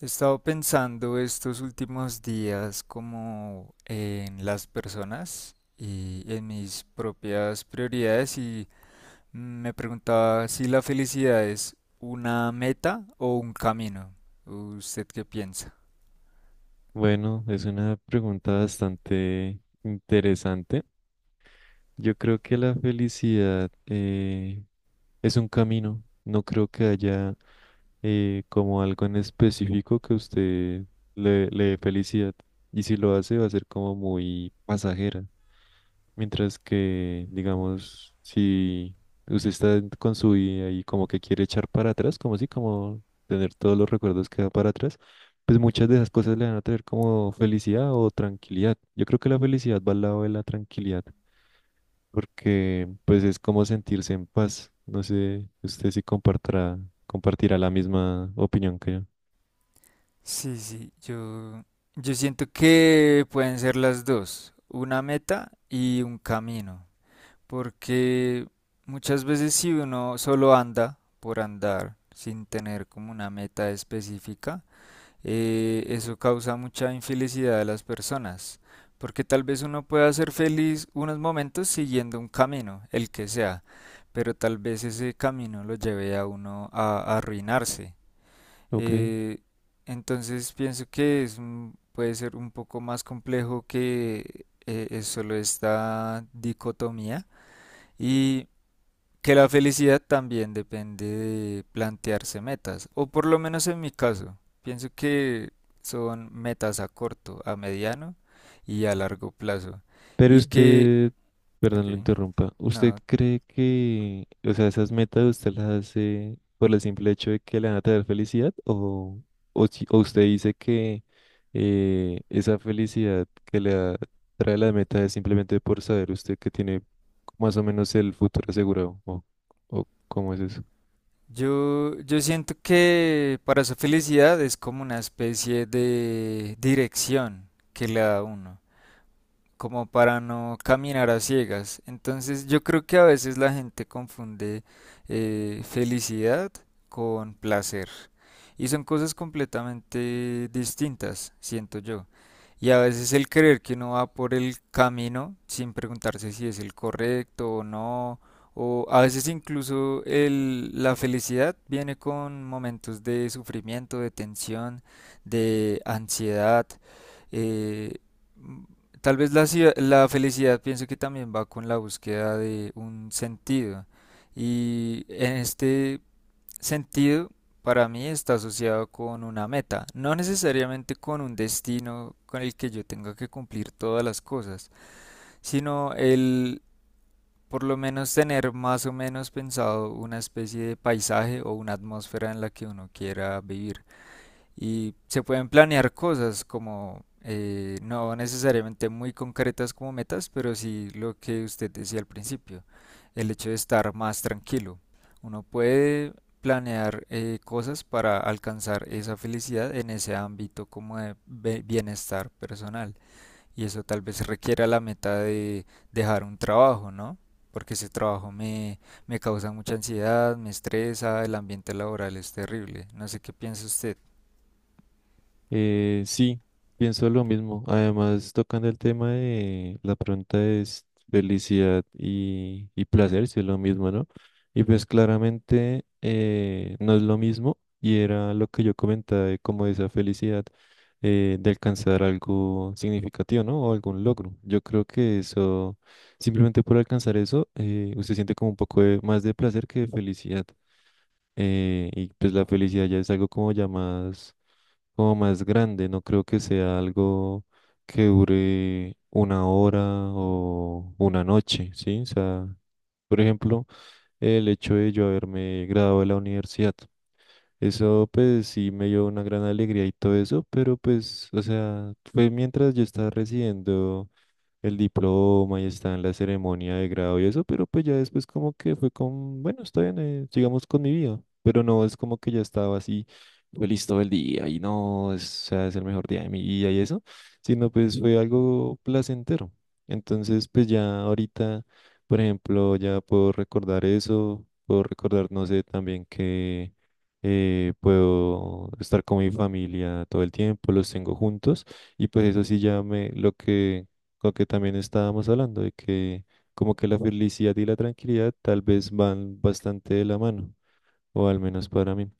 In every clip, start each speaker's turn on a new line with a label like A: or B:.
A: He estado pensando estos últimos días como en las personas y en mis propias prioridades y me preguntaba si la felicidad es una meta o un camino. ¿Usted qué piensa?
B: Bueno, es una pregunta bastante interesante. Yo creo que la felicidad es un camino. No creo que haya como algo en específico que usted le dé felicidad. Y si lo hace, va a ser como muy pasajera. Mientras que, digamos, si usted con su vida y como que quiere echar para atrás, como si, como tener todos los recuerdos que da para atrás, pues muchas de esas cosas le van a traer como felicidad o tranquilidad. Yo creo que la felicidad va al lado de la tranquilidad, porque pues es como sentirse en paz. No sé, usted si compartirá la misma opinión que yo.
A: Sí, sí, yo siento que pueden ser las dos, una meta y un camino, porque muchas veces si uno solo anda por andar sin tener como una meta específica, eso causa mucha infelicidad a las personas, porque tal vez uno pueda ser feliz unos momentos siguiendo un camino, el que sea, pero tal vez ese camino lo lleve a uno a arruinarse.
B: Ok.
A: Eh, entonces pienso que es, puede ser un poco más complejo que es solo esta dicotomía. Y que la felicidad también depende de plantearse metas, o por lo menos en mi caso, pienso que son metas a corto, a mediano y a largo plazo.
B: Pero
A: Y que,
B: usted,
A: ok,
B: perdón, lo interrumpa, ¿usted
A: no,
B: cree que, o sea, esas metas usted las hace por el simple hecho de que le van a traer felicidad? O, o usted dice que esa felicidad que trae la meta es simplemente por saber usted que tiene más o menos el futuro asegurado? O cómo es eso?
A: yo siento que para su felicidad es como una especie de dirección que le da a uno, como para no caminar a ciegas. Entonces yo creo que a veces la gente confunde felicidad con placer. Y son cosas completamente distintas, siento yo. Y a veces el creer que uno va por el camino sin preguntarse si es el correcto o no, o a veces incluso la felicidad viene con momentos de sufrimiento, de tensión, de ansiedad. Eh, Tal vez la felicidad pienso que también va con la búsqueda de un sentido. Y en este sentido, para mí está asociado con una meta, no necesariamente con un destino con el que yo tenga que cumplir todas las cosas, sino el por lo menos tener más o menos pensado una especie de paisaje o una atmósfera en la que uno quiera vivir. Y se pueden planear cosas como no necesariamente muy concretas como metas, pero sí lo que usted decía al principio, el hecho de estar más tranquilo. Uno puede planear cosas para alcanzar esa felicidad en ese ámbito como de bienestar personal. Y eso tal vez requiera la meta de dejar un trabajo, ¿no? Porque ese trabajo me causa mucha ansiedad, me estresa, el ambiente laboral es terrible. No sé qué piensa usted.
B: Sí, pienso lo mismo. Además, tocando el tema de la pregunta es felicidad y placer, si es lo mismo, ¿no? Y pues claramente no es lo mismo y era lo que yo comentaba de como esa felicidad de alcanzar algo significativo, ¿no? O algún logro. Yo creo que eso, simplemente por alcanzar eso, usted siente como un más de placer que de felicidad. Y pues la felicidad ya es algo como ya más como más grande. No creo que sea algo que dure una hora o una noche, ¿sí? O sea, por ejemplo, el hecho de yo haberme graduado de la universidad. Eso pues sí me dio una gran alegría y todo eso, pero pues, o sea, fue mientras yo estaba residiendo el diploma y está en la ceremonia de grado y eso, pero pues ya después como que fue con, bueno, está bien, sigamos con mi vida, pero no es como que ya estaba así feliz todo el día y no, es, o sea, es el mejor día de mi vida y eso, sino pues fue algo placentero. Entonces pues ya ahorita, por ejemplo, ya puedo recordar eso, puedo recordar, no sé, también que... puedo estar con mi familia todo el tiempo, los tengo juntos y pues eso sí ya me lo que también estábamos hablando de que como que la felicidad y la tranquilidad tal vez van bastante de la mano, o al menos para mí.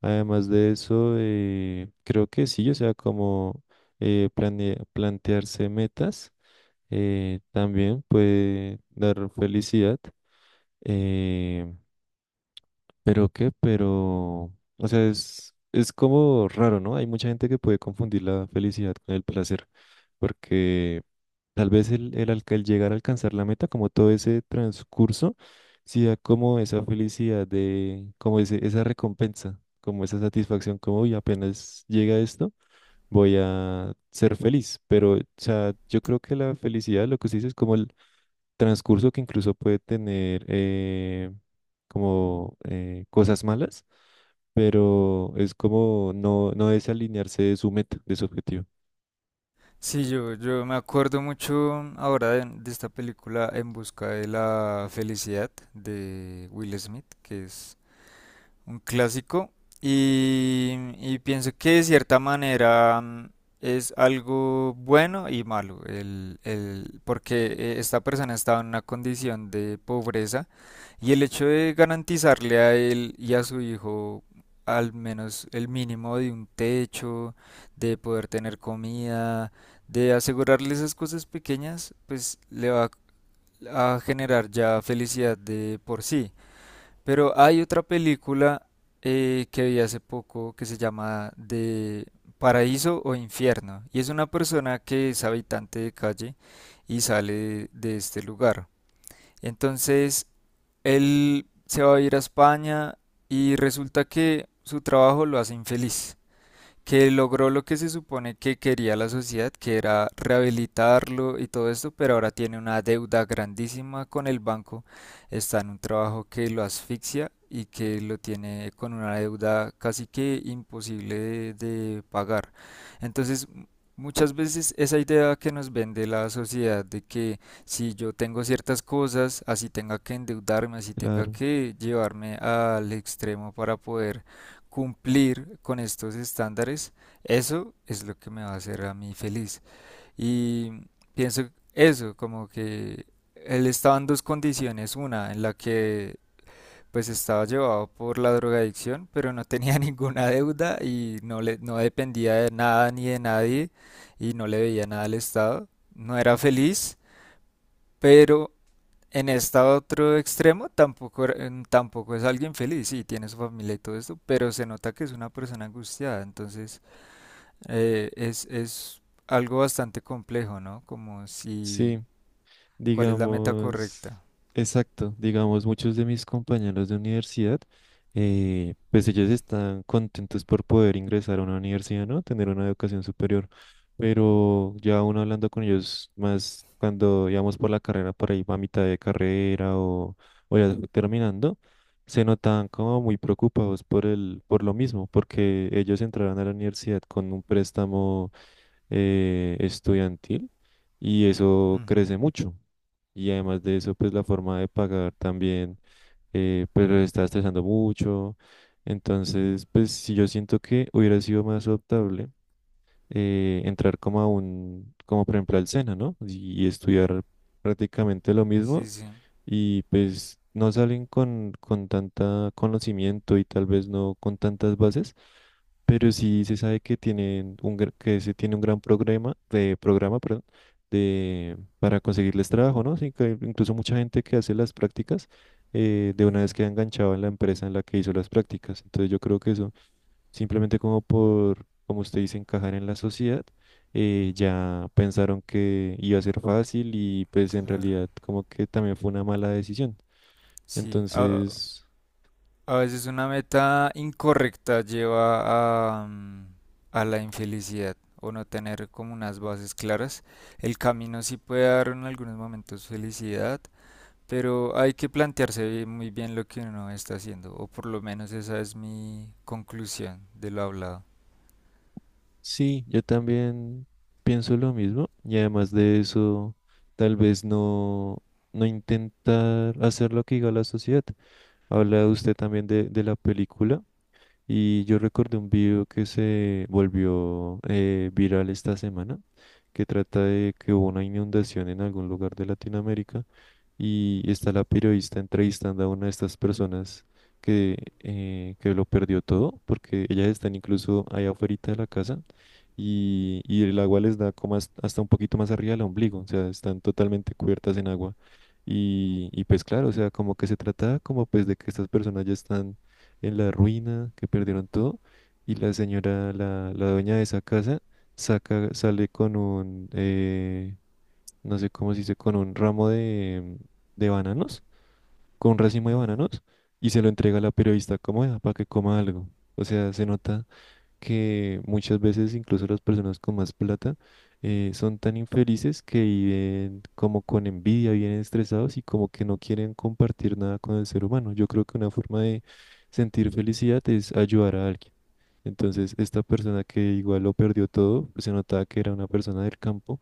B: Además de eso, creo que sí, o sea, como plantearse metas también puede dar felicidad. Eh, pero, o sea, es como raro, ¿no? Hay mucha gente que puede confundir la felicidad con el placer, porque tal vez el llegar a alcanzar la meta, como todo ese transcurso, sí da como esa felicidad de, como ese, esa recompensa, como esa satisfacción, como, uy, apenas llega esto, voy a ser feliz. Pero, o sea, yo creo que la felicidad, lo que se dice es como el transcurso que incluso puede tener como cosas malas, pero es como no, no desalinearse de su meta, de su objetivo.
A: Sí, yo me acuerdo mucho ahora de esta película En busca de la felicidad de Will Smith, que es un clásico, y, y pienso que de cierta manera mm, es algo bueno y malo, porque esta persona estaba en una condición de pobreza y el hecho de garantizarle a él y a su hijo al menos el mínimo de un techo, de poder tener comida, de asegurarle esas cosas pequeñas, pues le va a generar ya felicidad de por sí. Pero hay otra película que vi hace poco que se llama de Paraíso o Infierno y es una persona que es habitante de calle y sale de este lugar. Entonces, él se va a ir a España y resulta que su trabajo lo hace infeliz, que logró lo que se supone que quería la sociedad, que era rehabilitarlo y todo esto, pero ahora tiene una deuda grandísima con el banco, está en un trabajo que lo asfixia y que lo tiene con una deuda casi que imposible de pagar. Entonces, muchas veces esa idea que nos vende la sociedad de que si yo tengo ciertas cosas, así tenga que endeudarme, así tenga
B: Claro.
A: que llevarme al extremo para poder cumplir con estos estándares, eso es lo que me va a hacer a mí feliz. Y pienso eso, como que él estaba en dos condiciones, una en la que pues estaba llevado por la drogadicción, pero no tenía ninguna deuda y no no dependía de nada ni de nadie y no le veía nada al Estado. No era feliz, pero en este otro extremo tampoco, tampoco es alguien feliz, sí, tiene su familia y todo esto, pero se nota que es una persona angustiada, entonces es algo bastante complejo, ¿no? Como si,
B: Sí,
A: ¿cuál es la meta
B: digamos,
A: correcta?
B: exacto, digamos, muchos de mis compañeros de universidad, pues ellos están contentos por poder ingresar a una universidad, ¿no? Tener una educación superior, pero ya uno hablando con ellos más cuando íbamos por la carrera, por ahí a mitad de carrera o ya terminando, se notaban como muy preocupados por el, por lo mismo, porque ellos entraron a la universidad con un préstamo estudiantil y eso
A: Ujú.
B: crece mucho. Y además de eso, pues la forma de pagar también, pues los está estresando mucho. Entonces, pues si yo siento que hubiera sido más adoptable entrar como a un, como por ejemplo al SENA, ¿no? Y estudiar prácticamente lo
A: Sí,
B: mismo
A: sí,
B: y pues no salen con tanta conocimiento y tal vez no con tantas bases, pero sí se sabe que tienen un, que se tiene un gran programa, perdón, de, para conseguirles trabajo, ¿no? Sí, que incluso mucha gente que hace las prácticas, de una vez
A: ujú,
B: queda enganchado en la empresa en la que hizo las prácticas. Entonces yo creo que eso simplemente como por, como usted dice, encajar en la sociedad, ya pensaron que iba a ser fácil y pues en
A: claro.
B: realidad como que también fue una mala decisión.
A: Sí,
B: Entonces,
A: a veces una meta incorrecta lleva a, mm, a la infelicidad o no tener como unas bases claras. El camino sí puede dar en algunos momentos felicidad. Pero hay que plantearse muy bien lo que uno está haciendo, o por lo menos esa es mi conclusión de lo hablado.
B: sí, yo también pienso lo mismo y además de eso, tal vez no, no intentar hacer lo que diga la sociedad. Habla usted también de la película. Y yo recordé un video que se volvió viral esta semana, que trata de que hubo una inundación en algún lugar de Latinoamérica y está la periodista entrevistando a una de estas personas que lo perdió todo, porque ellas están incluso allá afuera de la casa y el agua les da como hasta hasta un poquito más arriba del ombligo, o sea, están totalmente cubiertas en agua. Y pues claro, o sea, como que se trata como pues de que estas personas ya están en la ruina, que perdieron todo. Y la señora, la dueña de esa casa, sale con un, no sé cómo se dice, con un ramo de bananos, con un racimo de
A: Ujú.
B: bananos, y se lo entrega a la periodista como para que coma algo. O sea, se nota que muchas veces incluso las personas con más plata son tan infelices que viven como con envidia, vienen estresados y como que no quieren compartir nada con el ser humano. Yo creo que una forma de sentir felicidad es ayudar a alguien. Entonces, esta persona que igual lo perdió todo, pues se notaba que era una persona del campo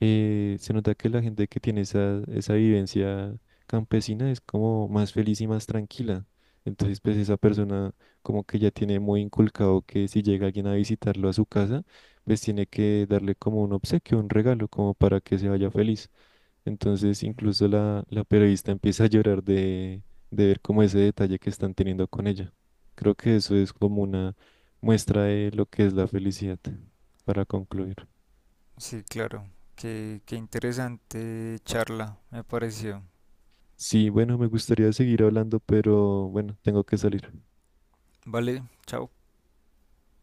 B: se nota que la gente que tiene esa, esa vivencia campesina es como más feliz y más tranquila. Entonces, pues esa persona como que ya tiene muy inculcado que si llega alguien a visitarlo a su casa, pues tiene que darle como un obsequio, un regalo, como para que se vaya feliz. Entonces, incluso la periodista empieza a llorar de ver como ese detalle que están teniendo con ella. Creo que eso es como una muestra de lo que es la felicidad, para concluir.
A: Sí, claro. Qué interesante charla, me pareció.
B: Sí, bueno, me gustaría seguir hablando, pero bueno, tengo que salir.
A: Vale, chao.